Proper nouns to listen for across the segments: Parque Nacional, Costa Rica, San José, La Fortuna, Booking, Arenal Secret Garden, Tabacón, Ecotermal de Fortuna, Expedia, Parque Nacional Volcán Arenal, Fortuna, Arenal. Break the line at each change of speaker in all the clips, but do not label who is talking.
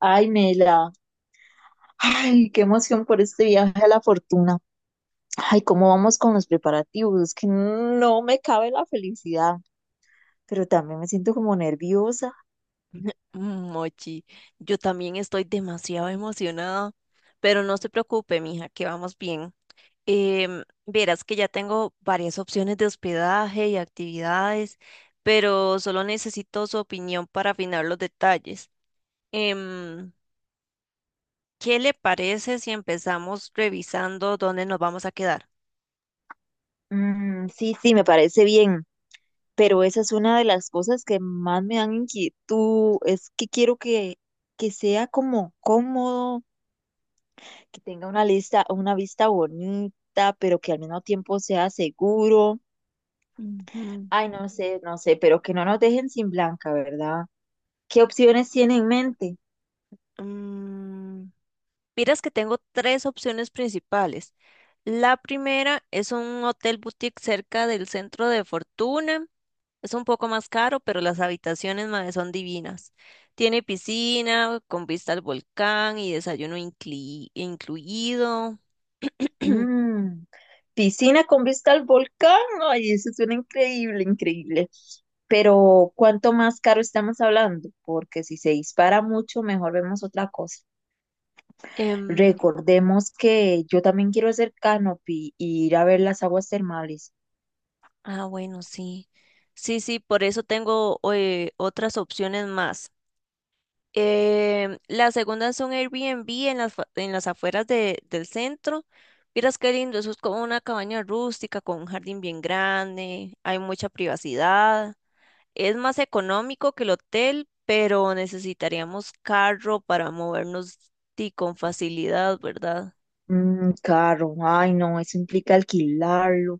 Ay, Mela, ay, qué emoción por este viaje a la fortuna. Ay, cómo vamos con los preparativos, Es que no me cabe la felicidad, pero también me siento como nerviosa.
Mm, Mochi, yo también estoy demasiado emocionada, pero no se preocupe, mija, que vamos bien. Verás que ya tengo varias opciones de hospedaje y actividades, pero solo necesito su opinión para afinar los detalles. Em, ¿Qué le parece si empezamos revisando dónde nos vamos a quedar?
Mm, sí, sí, me parece bien, pero esa es una de las cosas que más me dan inquietud, es que quiero que sea como cómodo, que tenga una lista, una vista bonita, pero que al mismo tiempo sea seguro.
Ujú.
Ay, no sé, no sé, pero que no nos dejen sin blanca, ¿verdad? ¿Qué opciones tiene en mente?
Mm, Miras que tengo tres opciones principales. La primera es un hotel boutique cerca del centro de Fortuna. Es un poco más caro, pero las habitaciones, mae, son divinas. Tiene piscina con vista al volcán y desayuno incluido.
Mm, piscina con vista al volcán. Ay, eso suena increíble, increíble. Pero, ¿cuánto más caro estamos hablando? Porque si se dispara mucho, mejor vemos otra cosa.
Em,
Recordemos que yo también quiero hacer canopy y ir a ver las aguas termales.
ah, bueno, sí. Sí, sí, por eso tengo otras opciones más. La segunda es un Airbnb en las, en las afueras del centro. Miras qué lindo, eso es como una cabaña rústica con un jardín bien grande, hay mucha privacidad. Es más económico que el hotel, pero necesitaríamos carro para movernos y con facilidad, ¿verdad?
Mm, caro. Ay, no, eso implica alquilarlo,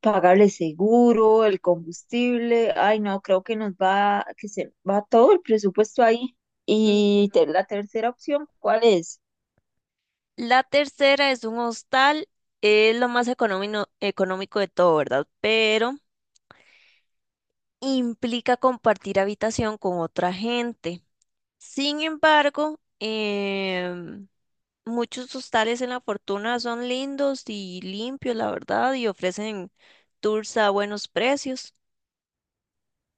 pagarle seguro, el combustible. Ay, no, creo que nos va, que se va todo el presupuesto ahí.
Ujú.
Y la tercera opción, ¿cuál es?
La tercera es un hostal, es lo más económico de todo, ¿verdad? Pero implica compartir habitación con otra gente. Sin embargo, muchos hostales en La Fortuna son lindos y limpios, la verdad, y ofrecen tours a buenos precios.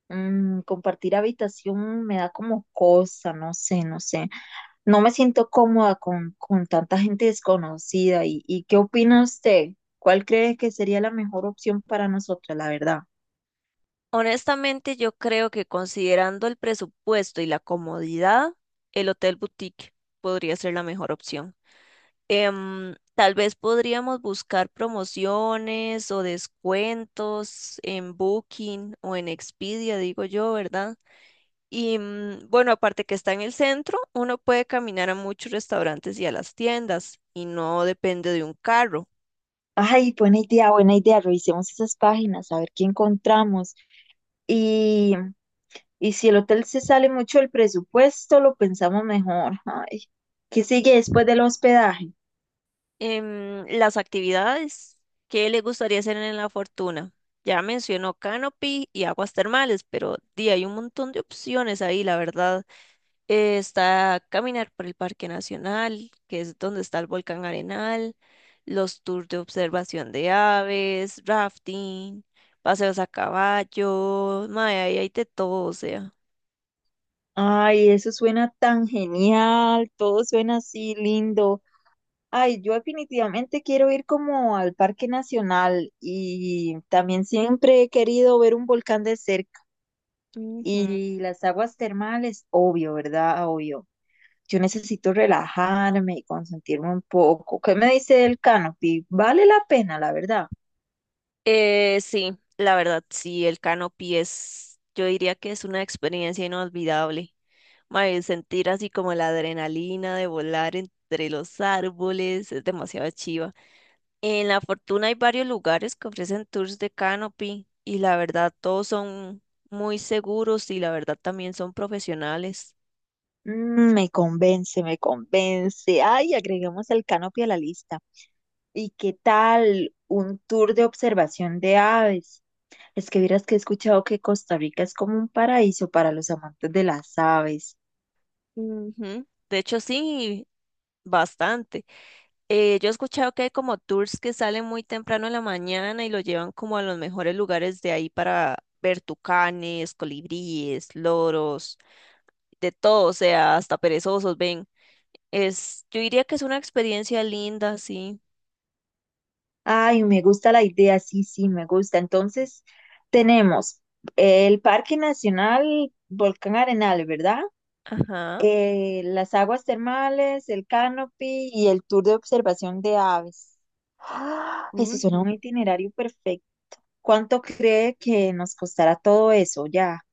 Mm, compartir habitación me da como cosa, no sé, no sé. No me siento cómoda con tanta gente desconocida. Y qué opina usted? ¿Cuál cree que sería la mejor opción para nosotros, la verdad?
Honestamente, yo creo que considerando el presupuesto y la comodidad, el Hotel Boutique podría ser la mejor opción. Tal vez podríamos buscar promociones o descuentos en Booking o en Expedia, digo yo, ¿verdad? Y bueno, aparte que está en el centro, uno puede caminar a muchos restaurantes y a las tiendas y no depende de un carro.
Ay, buena idea, buena idea. Revisemos esas páginas, a ver qué encontramos. Y, y si el hotel se sale mucho del presupuesto, lo pensamos mejor. Ay, ¿qué sigue después del hospedaje?
Las actividades, ¿qué le gustaría hacer en La Fortuna? Ya mencionó Canopy y aguas termales, pero di, hay un montón de opciones ahí, la verdad. Está caminar por el Parque Nacional, que es donde está el volcán Arenal, los tours de observación de aves, rafting, paseos a caballo, mae, ahí hay de todo, o sea.
Ay, eso suena tan genial, todo suena así lindo. Ay, yo definitivamente quiero ir como al Parque Nacional y también siempre he querido ver un volcán de cerca
Ujú.
y las aguas termales, obvio, ¿verdad? Obvio. Yo necesito relajarme y consentirme un poco. ¿Qué me dice el canopy? Vale la pena, la verdad.
Sí, la verdad, sí, el canopy es, yo diría que es una experiencia inolvidable. Mae, sentir así como la adrenalina de volar entre los árboles es demasiado chiva. En La Fortuna hay varios lugares que ofrecen tours de canopy y la verdad todos son muy seguros y la verdad también son profesionales.
Mm, me convence, me convence. Ay, agreguemos el canopy a la lista. ¿Y qué tal un tour de observación de aves? Es que vieras que he escuchado que Costa Rica es como un paraíso para los amantes de las aves.
Ujú. De hecho, sí, bastante. Yo he escuchado que hay como tours que salen muy temprano en la mañana y lo llevan como a los mejores lugares de ahí para ver tucanes, colibríes, loros, de todo, o sea, hasta perezosos, ven. Es, yo diría que es una experiencia linda, sí.
Ay, me gusta la idea, sí, sí, me gusta. Entonces, tenemos el Parque Nacional Volcán Arenal, ¿verdad?
Ajá.
Las aguas termales, el canopy y el tour de observación de aves. ¡Ah! Eso
Ujú.
suena un itinerario perfecto. ¿Cuánto cree que nos costará todo eso ya,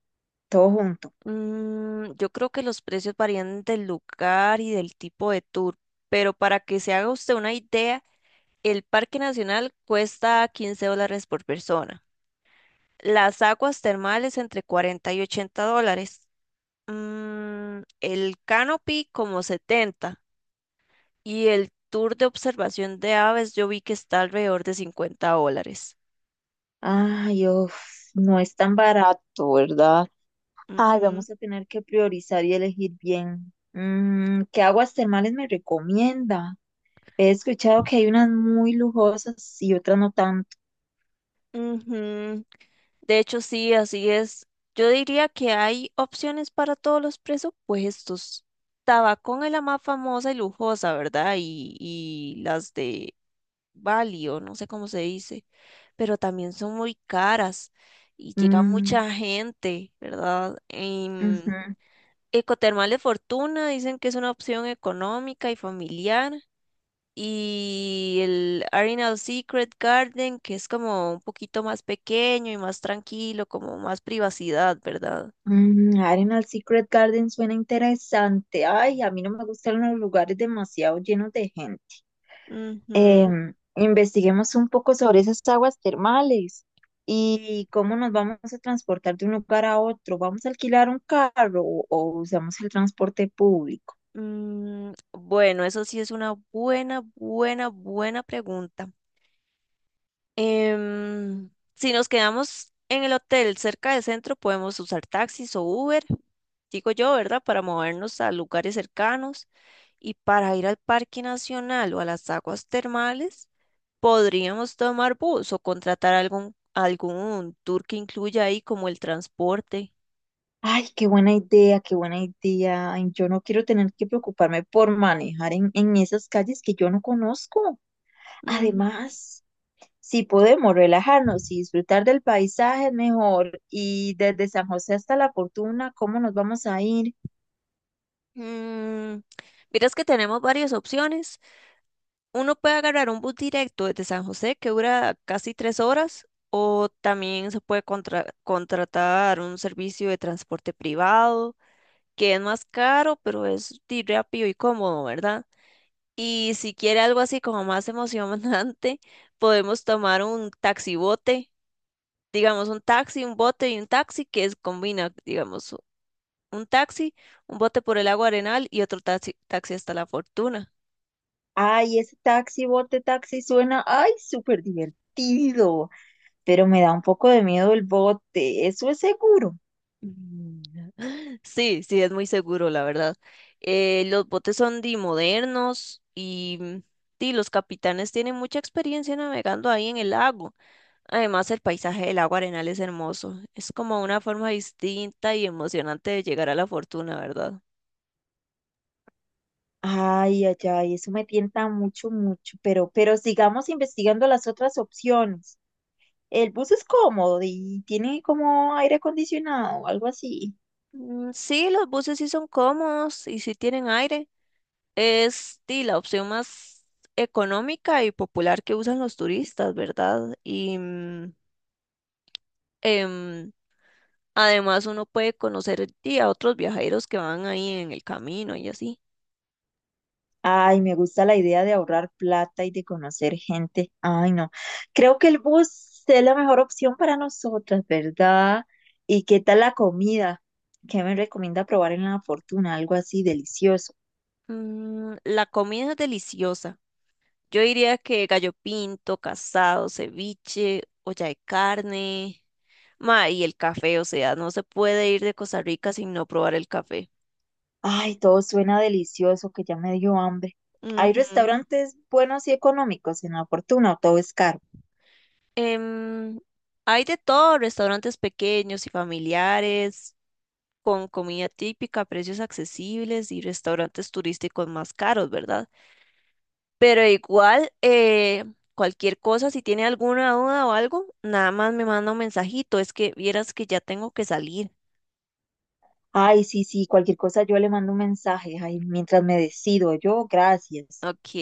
todo junto?
Yo creo que los precios varían del lugar y del tipo de tour, pero para que se haga usted una idea, el Parque Nacional cuesta 15 dólares por persona. Las aguas termales entre 40 y 80 dólares. El canopy como 70 y el tour de observación de aves yo vi que está alrededor de 50 dólares.
Ay, uf, no es tan barato, ¿verdad?
Mm,
Ay,
mm.
vamos a tener que priorizar y elegir bien. Mm, ¿qué aguas termales me recomienda? He escuchado que hay unas muy lujosas y otras no tanto.
Ujú. De hecho, sí, así es. Yo diría que hay opciones para todos los presupuestos. Tabacón es la más famosa y lujosa, ¿verdad? Y las de Bali, o no sé cómo se dice, pero también son muy caras y llega
Mm,
mucha gente, ¿verdad?
ujú.
Ecotermal de Fortuna dicen que es una opción económica y familiar. Y el Arenal Secret Garden, que es como un poquito más pequeño y más tranquilo, como más privacidad, ¿verdad?
Mm, Arenal Secret Garden suena interesante. Ay, a mí no me gustan los lugares demasiado llenos de gente.
Ujú.
Em, investiguemos un poco sobre esas aguas termales y cómo nos vamos a transportar de un lugar a otro. ¿Vamos a alquilar un carro o usamos el transporte público?
Bueno, eso sí es una buena pregunta. Si nos quedamos en el hotel cerca del centro, podemos usar taxis o Uber, digo yo, ¿verdad? Para movernos a lugares cercanos y para ir al Parque Nacional o a las aguas termales. Podríamos tomar bus o contratar algún tour que incluya ahí como el transporte.
Ay, qué buena idea, qué buena idea. Ay, yo no quiero tener que preocuparme por manejar en esas calles que yo no conozco.
Ujú.
Además, si podemos relajarnos y disfrutar del paisaje mejor y desde San José hasta La Fortuna, ¿cómo nos vamos a ir?
Mm, Miras que tenemos varias opciones. Uno puede agarrar un bus directo desde San José que dura casi 3 horas o también se puede contratar un servicio de transporte privado que es más caro pero es di, rápido y cómodo, ¿verdad? Y si quiere algo así como más emocionante, podemos tomar un taxibote, digamos, un taxi, un bote y un taxi que es, combina, digamos, un taxi, un bote por el agua Arenal y otro taxi hasta La Fortuna.
Ay, ese taxi, bote taxi suena, ay, súper divertido, pero me da un poco de miedo el bote, eso es seguro.
Mm. Sí, sí, es muy seguro, la verdad. Los botes son de modernos y, di, los capitanes tienen mucha experiencia navegando ahí en el lago. Además, el paisaje del agua Arenal es hermoso. Es como una forma distinta y emocionante de llegar a La Fortuna, ¿verdad?
Ay, ay, ay, eso me tienta mucho, mucho, pero sigamos investigando las otras opciones. El bus es cómodo y tiene como aire acondicionado o algo así.
Sí, los buses sí son cómodos y sí tienen aire. Es di, la opción más económica y popular que usan los turistas, ¿verdad? Y em, además uno puede conocer di, a otros viajeros que van ahí en el camino y así.
Ay, me gusta la idea de ahorrar plata y de conocer gente. Ay, no. Creo que el bus es la mejor opción para nosotras, ¿verdad? ¿Y qué tal la comida? ¿Qué me recomienda probar en La Fortuna? Algo así delicioso.
La comida es deliciosa. Yo diría que gallo pinto, casado, ceviche, olla de carne, ma, y el café, o sea, no se puede ir de Costa Rica sin no probar el café.
Ay, todo suena delicioso, que ya me dio hambre. ¿Hay
Ujú.
restaurantes buenos y económicos en La Fortuna o todo es caro?
Em, Hay de todo, restaurantes pequeños y familiares, con comida típica, precios accesibles y restaurantes turísticos más caros, ¿verdad? Pero igual, cualquier cosa, si tiene alguna duda o algo, nada más me manda un mensajito, es que vieras que ya tengo que salir.
Ay, sí, sí, cualquier cosa yo le mando un mensaje. Ay, mientras me decido, yo, gracias.
Ok.